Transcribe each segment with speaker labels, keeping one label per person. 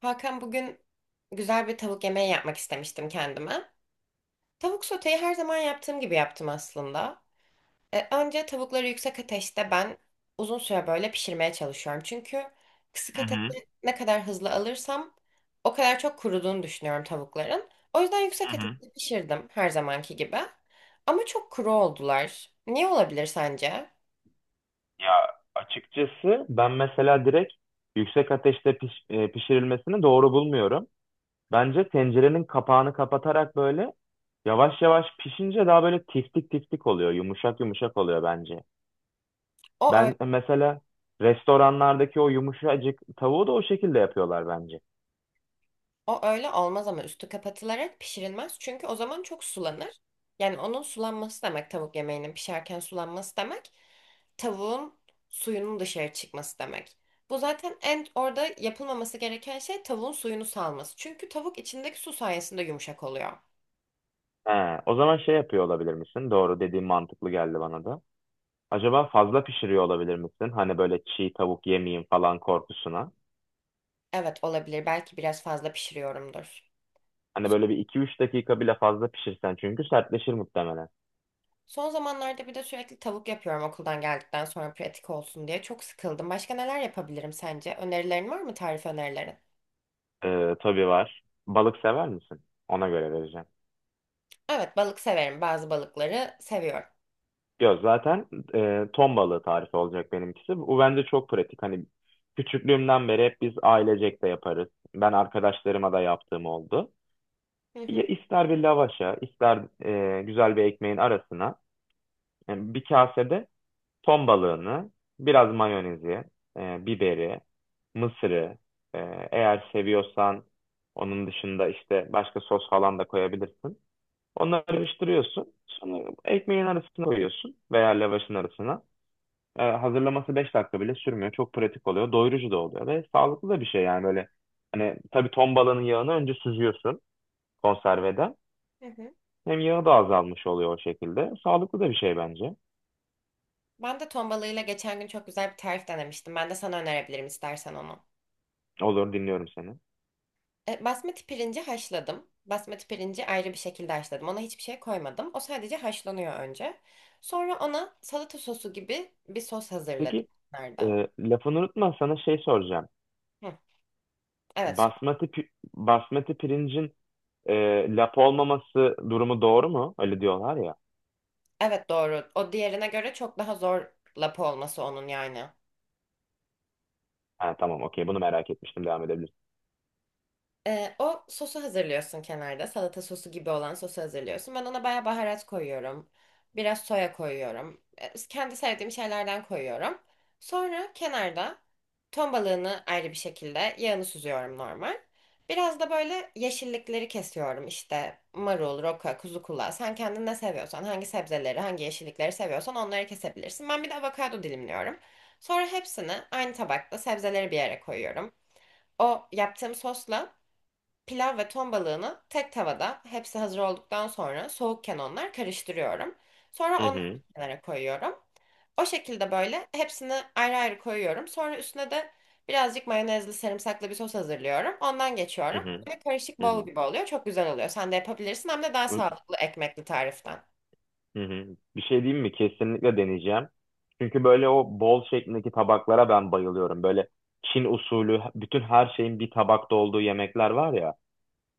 Speaker 1: Hakan bugün güzel bir tavuk yemeği yapmak istemiştim kendime. Tavuk soteyi her zaman yaptığım gibi yaptım aslında. Önce tavukları yüksek ateşte ben uzun süre böyle pişirmeye çalışıyorum. Çünkü kısık
Speaker 2: Hı hı.
Speaker 1: ateşte ne kadar hızlı alırsam o kadar çok kuruduğunu düşünüyorum tavukların. O yüzden
Speaker 2: Hı
Speaker 1: yüksek
Speaker 2: hı.
Speaker 1: ateşte pişirdim her zamanki gibi. Ama çok kuru oldular. Niye olabilir sence?
Speaker 2: Ya açıkçası ben mesela direkt yüksek ateşte pişirilmesini doğru bulmuyorum. Bence tencerenin kapağını kapatarak böyle yavaş yavaş pişince daha böyle tiftik tiftik oluyor. Yumuşak yumuşak oluyor bence.
Speaker 1: O
Speaker 2: Ben mesela restoranlardaki o yumuşacık tavuğu da o şekilde yapıyorlar bence.
Speaker 1: O öyle olmaz ama üstü kapatılarak pişirilmez. Çünkü o zaman çok sulanır. Yani onun sulanması demek tavuk yemeğinin pişerken sulanması demek. Tavuğun suyunun dışarı çıkması demek. Bu zaten en orada yapılmaması gereken şey tavuğun suyunu salması. Çünkü tavuk içindeki su sayesinde yumuşak oluyor.
Speaker 2: He, o zaman şey yapıyor olabilir misin? Doğru dediğin mantıklı geldi bana da. Acaba fazla pişiriyor olabilir misin? Hani böyle çiğ tavuk yemeyeyim falan korkusuna.
Speaker 1: Evet olabilir. Belki biraz fazla pişiriyorumdur.
Speaker 2: Hani böyle 1 2 3 dakika bile fazla pişirsen çünkü sertleşir muhtemelen.
Speaker 1: Son zamanlarda bir de sürekli tavuk yapıyorum okuldan geldikten sonra pratik olsun diye. Çok sıkıldım. Başka neler yapabilirim sence? Önerilerin var mı, tarif önerilerin?
Speaker 2: Tabii var. Balık sever misin? Ona göre vereceğim.
Speaker 1: Evet, balık severim. Bazı balıkları seviyorum.
Speaker 2: Yok zaten ton balığı tarifi olacak benimkisi. Bu bence çok pratik. Hani küçüklüğümden beri hep biz ailecek de yaparız. Ben arkadaşlarıma da yaptığım oldu.
Speaker 1: Hı
Speaker 2: Ya
Speaker 1: hı.
Speaker 2: ister bir lavaşa, ister güzel bir ekmeğin arasına, yani bir kasede ton balığını, biraz mayonezi, biberi, mısırı, e, eğer seviyorsan onun dışında işte başka sos falan da koyabilirsin. Onları karıştırıyorsun. Sonra ekmeğin arasına koyuyorsun veya lavaşın arasına. Hazırlaması 5 dakika bile sürmüyor. Çok pratik oluyor. Doyurucu da oluyor ve sağlıklı da bir şey yani böyle. Hani tabii ton balığının yağını önce süzüyorsun konserveden.
Speaker 1: Hı hı.
Speaker 2: Hem yağı da azalmış oluyor o şekilde. Sağlıklı da bir şey bence.
Speaker 1: Ben de ton balığıyla geçen gün çok güzel bir tarif denemiştim. Ben de sana önerebilirim istersen onu.
Speaker 2: Olur, dinliyorum seni.
Speaker 1: Basmati pirinci haşladım. Basmati pirinci ayrı bir şekilde haşladım. Ona hiçbir şey koymadım. O sadece haşlanıyor önce. Sonra ona salata sosu gibi bir sos hazırladım.
Speaker 2: Peki.
Speaker 1: Nerede?
Speaker 2: Lafını unutma, sana şey soracağım.
Speaker 1: Hı, evet.
Speaker 2: Basmati, pi- Basmati pirincin e, lap olmaması durumu doğru mu? Öyle diyorlar ya.
Speaker 1: Evet, doğru. O diğerine göre çok daha zor lapa olması onun yani.
Speaker 2: Ha, tamam, okey, bunu merak etmiştim, devam edebilirsin.
Speaker 1: O sosu hazırlıyorsun kenarda. Salata sosu gibi olan sosu hazırlıyorsun. Ben ona bayağı baharat koyuyorum. Biraz soya koyuyorum. Kendi sevdiğim şeylerden koyuyorum. Sonra kenarda ton balığını ayrı bir şekilde yağını süzüyorum normal. Biraz da böyle yeşillikleri kesiyorum. İşte marul, roka, kuzu kulağı. Sen kendin ne seviyorsan, hangi sebzeleri, hangi yeşillikleri seviyorsan onları kesebilirsin. Ben bir de avokado dilimliyorum. Sonra hepsini aynı tabakta sebzeleri bir yere koyuyorum. O yaptığım sosla pilav ve ton balığını tek tavada hepsi hazır olduktan sonra soğukken onlar karıştırıyorum. Sonra
Speaker 2: Hı
Speaker 1: onları
Speaker 2: hı,
Speaker 1: kenara koyuyorum. O şekilde böyle hepsini ayrı ayrı koyuyorum. Sonra üstüne de birazcık mayonezli sarımsaklı bir sos hazırlıyorum. Ondan
Speaker 2: hı
Speaker 1: geçiyorum.
Speaker 2: hı,
Speaker 1: Böyle karışık
Speaker 2: hı
Speaker 1: bol
Speaker 2: hı.
Speaker 1: gibi oluyor. Çok güzel oluyor. Sen de yapabilirsin, hem de daha sağlıklı ekmekli tariften.
Speaker 2: Hı hı. Bir şey diyeyim mi? Kesinlikle deneyeceğim. Çünkü böyle o bol şeklindeki tabaklara ben bayılıyorum. Böyle Çin usulü bütün her şeyin bir tabakta olduğu yemekler var ya.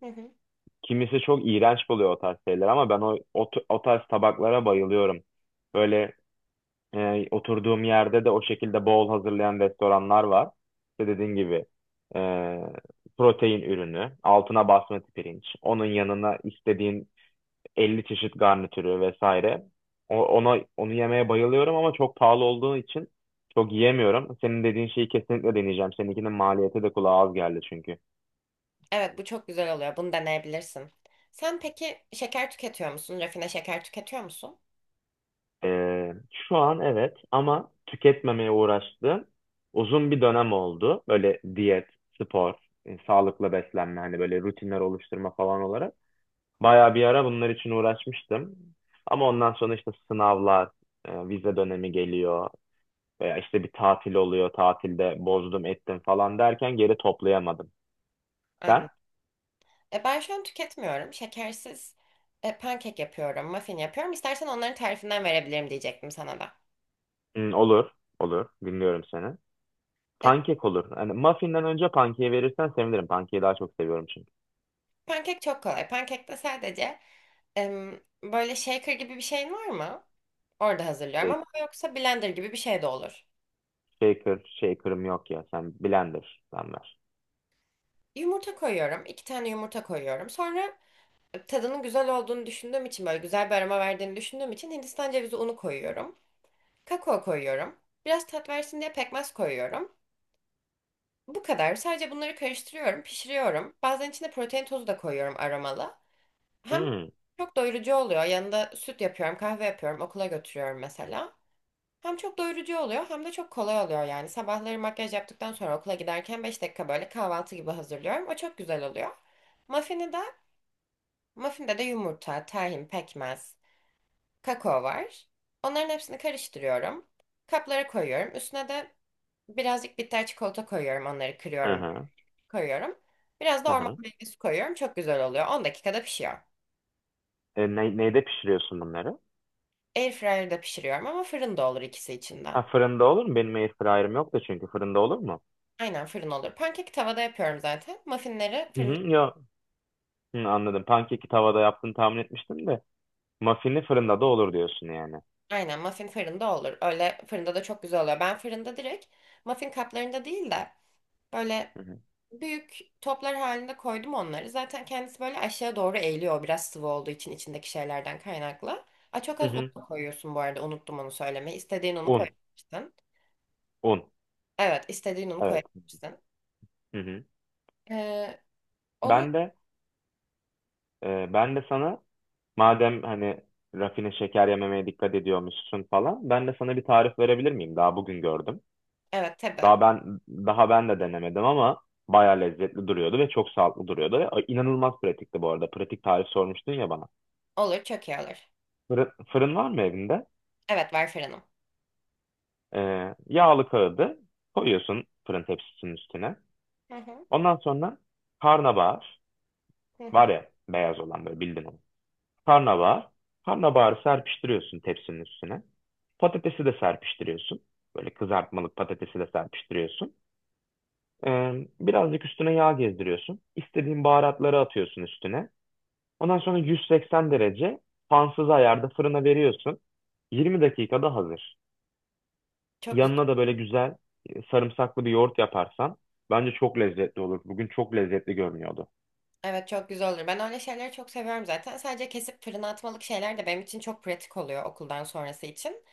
Speaker 1: Hı hı.
Speaker 2: Kimisi çok iğrenç buluyor o tarz şeyler ama ben o tarz tabaklara bayılıyorum. Böyle oturduğum yerde de o şekilde bol hazırlayan restoranlar var. İşte dediğin gibi e, protein ürünü, altına basmati pirinç, onun yanına istediğin 50 çeşit garnitürü vesaire. Ona onu yemeye bayılıyorum ama çok pahalı olduğu için çok yiyemiyorum. Senin dediğin şeyi kesinlikle deneyeceğim. Seninkinin maliyeti de kulağa az geldi çünkü.
Speaker 1: Evet, bu çok güzel oluyor. Bunu deneyebilirsin. Sen peki şeker tüketiyor musun? Rafine şeker tüketiyor musun?
Speaker 2: Şu an evet, ama tüketmemeye uğraştığım uzun bir dönem oldu. Böyle diyet, spor, sağlıklı beslenme, hani böyle rutinler oluşturma falan olarak. Bayağı bir ara bunlar için uğraşmıştım. Ama ondan sonra işte sınavlar, vize dönemi geliyor veya işte bir tatil oluyor. Tatilde bozdum ettim falan derken geri toplayamadım. Sen?
Speaker 1: Anladım. Ben şu an tüketmiyorum. Şekersiz pankek yapıyorum, muffin yapıyorum. İstersen onların tarifinden verebilirim diyecektim sana da.
Speaker 2: Hı, olur, olur. Dinliyorum seni.
Speaker 1: E,
Speaker 2: Pankek olur. Hani muffin'den önce pankeyi verirsen sevinirim. Pankeyi daha çok seviyorum çünkü.
Speaker 1: Pankek çok kolay. Pankekte sadece böyle shaker gibi bir şeyin var mı? Orada hazırlıyorum ama yoksa blender gibi bir şey de olur.
Speaker 2: Shaker, shaker'ım yok ya. Sen blender'dan ver.
Speaker 1: Yumurta koyuyorum. İki tane yumurta koyuyorum. Sonra tadının güzel olduğunu düşündüğüm için, böyle güzel bir aroma verdiğini düşündüğüm için Hindistan cevizi unu koyuyorum. Kakao koyuyorum. Biraz tat versin diye pekmez koyuyorum. Bu kadar. Sadece bunları karıştırıyorum, pişiriyorum. Bazen içine protein tozu da koyuyorum, aromalı. Hem
Speaker 2: Hmm.
Speaker 1: çok doyurucu oluyor. Yanında süt yapıyorum, kahve yapıyorum, okula götürüyorum mesela. Hem çok doyurucu oluyor hem de çok kolay oluyor yani. Sabahları makyaj yaptıktan sonra okula giderken 5 dakika böyle kahvaltı gibi hazırlıyorum. O çok güzel oluyor. Muffin'i de, Muffinde de yumurta, tahin, pekmez, kakao var. Onların hepsini karıştırıyorum. Kaplara koyuyorum. Üstüne de birazcık bitter çikolata koyuyorum. Onları
Speaker 2: Hı
Speaker 1: kırıyorum,
Speaker 2: hı.
Speaker 1: koyuyorum. Biraz da
Speaker 2: Hı
Speaker 1: orman
Speaker 2: hı.
Speaker 1: meyvesi koyuyorum. Çok güzel oluyor. 10 dakikada pişiyor.
Speaker 2: Neyde pişiriyorsun bunları?
Speaker 1: Airfryer'da pişiriyorum ama fırında olur ikisi için de.
Speaker 2: Ha, fırında olur mu? Benim airfryer'ım yok da çünkü, fırında olur mu?
Speaker 1: Aynen, fırın olur. Pankek tavada yapıyorum zaten. Muffinleri
Speaker 2: Hı hı,
Speaker 1: fırında.
Speaker 2: yok. Hı, anladım. Pankeki tavada yaptığını tahmin etmiştim de. Muffin'i fırında da olur diyorsun yani.
Speaker 1: Aynen, muffin fırında olur. Öyle fırında da çok güzel oluyor. Ben fırında direkt muffin kaplarında değil de böyle
Speaker 2: Hı hı.
Speaker 1: büyük toplar halinde koydum onları. Zaten kendisi böyle aşağı doğru eğiliyor, biraz sıvı olduğu için içindeki şeylerden kaynaklı. Aa, çok
Speaker 2: Hı
Speaker 1: az un
Speaker 2: hı.
Speaker 1: da koyuyorsun bu arada, unuttum onu söylemeyi. İstediğin unu
Speaker 2: Un,
Speaker 1: koyabilirsin.
Speaker 2: un.
Speaker 1: Evet, istediğin unu
Speaker 2: Evet.
Speaker 1: koyabilirsin.
Speaker 2: Hı hı.
Speaker 1: Ee, Onu,
Speaker 2: Ben de Ben de sana, madem hani rafine şeker yememeye dikkat ediyormuşsun falan, ben de sana bir tarif verebilir miyim? Daha bugün gördüm.
Speaker 1: evet tabii,
Speaker 2: Daha ben de denemedim ama bayağı lezzetli duruyordu ve çok sağlıklı duruyordu. Ve inanılmaz pratikti bu arada. Pratik tarif sormuştun ya bana.
Speaker 1: olur çok iyi olur.
Speaker 2: Fırın var mı evinde?
Speaker 1: Evet, var fırınım.
Speaker 2: Yağlı kağıdı koyuyorsun fırın tepsisinin üstüne.
Speaker 1: Hı hı,
Speaker 2: Ondan sonra karnabahar
Speaker 1: hı
Speaker 2: var
Speaker 1: hı.
Speaker 2: ya, beyaz olan, böyle bildin onu. Karnabahar. Karnabaharı serpiştiriyorsun tepsinin üstüne. Patatesi de serpiştiriyorsun. Böyle kızartmalık patatesi de serpiştiriyorsun. Ee, Birazcık üstüne yağ gezdiriyorsun. İstediğin baharatları atıyorsun üstüne. Ondan sonra 180 derece fansız ayarda fırına veriyorsun. 20 dakikada hazır.
Speaker 1: Çok güzel.
Speaker 2: Yanına da böyle güzel sarımsaklı bir yoğurt yaparsan bence çok lezzetli olur. Bugün çok lezzetli görünüyordu.
Speaker 1: Evet, çok güzel olur. Ben öyle şeyleri çok seviyorum zaten. Sadece kesip fırına atmalık şeyler de benim için çok pratik oluyor okuldan sonrası için.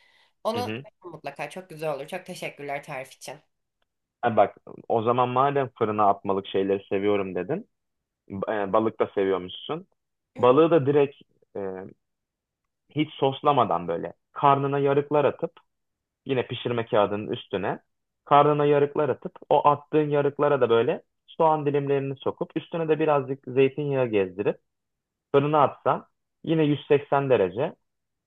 Speaker 2: Hı
Speaker 1: Onu
Speaker 2: hı.
Speaker 1: mutlaka çok güzel olur. Çok teşekkürler tarif için.
Speaker 2: Ha bak, o zaman madem fırına atmalık şeyleri seviyorum dedin. Balık da seviyormuşsun. Balığı da direkt e, hiç soslamadan böyle karnına yarıklar atıp, yine pişirme kağıdının üstüne karnına yarıklar atıp o attığın yarıklara da böyle soğan dilimlerini sokup üstüne de birazcık zeytinyağı gezdirip fırına atsan, yine 180 derece.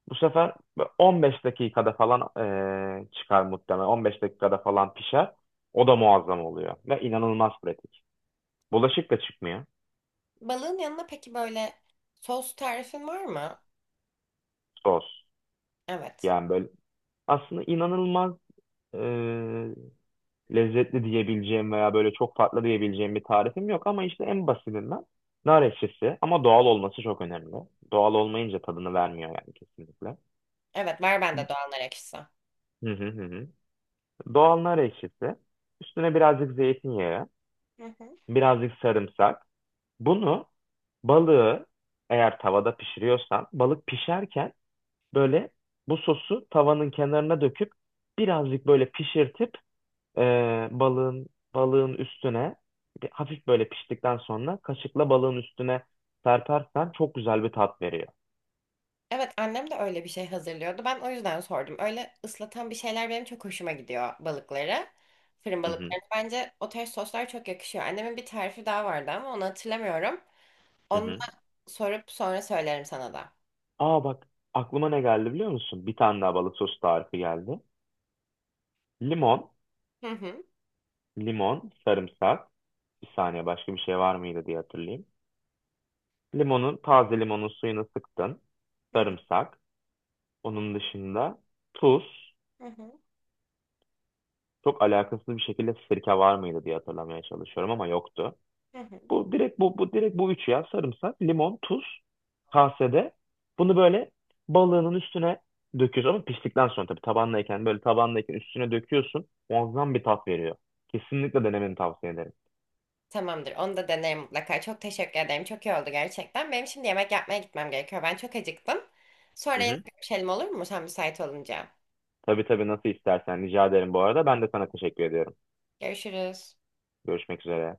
Speaker 2: Bu sefer 15 dakikada falan çıkar muhtemelen. 15 dakikada falan pişer. O da muazzam oluyor ve inanılmaz pratik. Bulaşık da çıkmıyor.
Speaker 1: Balığın yanına peki böyle sos tarifin var mı?
Speaker 2: Sos.
Speaker 1: Evet.
Speaker 2: Yani böyle aslında inanılmaz eee, lezzetli diyebileceğim veya böyle çok farklı diyebileceğim bir tarifim yok ama işte en basitinden nar ekşisi, ama doğal olması çok önemli. Doğal olmayınca tadını vermiyor yani kesinlikle.
Speaker 1: Evet, var bende doğanlar ekşisi.
Speaker 2: Hı hı hı. Hı. Doğal nar ekşisi, üstüne birazcık zeytinyağı,
Speaker 1: Hı hı.
Speaker 2: birazcık sarımsak. Bunu, balığı, eğer tavada pişiriyorsan balık pişerken böyle bu sosu tavanın kenarına döküp birazcık böyle pişirtip e, balığın balığın üstüne, hafif böyle piştikten sonra kaşıkla balığın üstüne serpersen çok güzel bir tat veriyor.
Speaker 1: Evet, annem de öyle bir şey hazırlıyordu. Ben o yüzden sordum. Öyle ıslatan bir şeyler benim çok hoşuma gidiyor balıkları. Fırın
Speaker 2: Hı hı.
Speaker 1: balıkları. Bence o tarz soslar çok yakışıyor. Annemin bir tarifi daha vardı ama onu hatırlamıyorum.
Speaker 2: Hı
Speaker 1: Onu da
Speaker 2: hı.
Speaker 1: sorup sonra söylerim sana da.
Speaker 2: Aa bak, aklıma ne geldi biliyor musun? Bir tane daha balık sosu tarifi geldi. Limon,
Speaker 1: Hı hı.
Speaker 2: limon, sarımsak. Bir saniye, başka bir şey var mıydı diye hatırlayayım. Limonun, taze limonun suyunu sıktın.
Speaker 1: Hı hı.
Speaker 2: Sarımsak. Onun dışında tuz.
Speaker 1: Hı hı.
Speaker 2: Çok alakasız bir şekilde sirke var mıydı diye hatırlamaya çalışıyorum ama yoktu.
Speaker 1: Hı hı.
Speaker 2: Bu direkt bu üç ya. Sarımsak, limon, tuz kasede. Bunu böyle balığının üstüne döküyorsun, ama piştikten sonra tabii, tabanlayken, böyle tabanlayken üstüne döküyorsun. Muazzam bir tat veriyor. Kesinlikle denemeni tavsiye ederim.
Speaker 1: Tamamdır. Onu da denerim mutlaka. Çok teşekkür ederim. Çok iyi oldu gerçekten. Benim şimdi yemek yapmaya gitmem gerekiyor. Ben çok acıktım.
Speaker 2: Hı
Speaker 1: Sonra yine
Speaker 2: hı.
Speaker 1: görüşelim, olur mu? Sen müsait olunca.
Speaker 2: Tabii tabii, nasıl istersen, rica ederim bu arada. Ben de sana teşekkür ediyorum.
Speaker 1: Görüşürüz.
Speaker 2: Görüşmek üzere.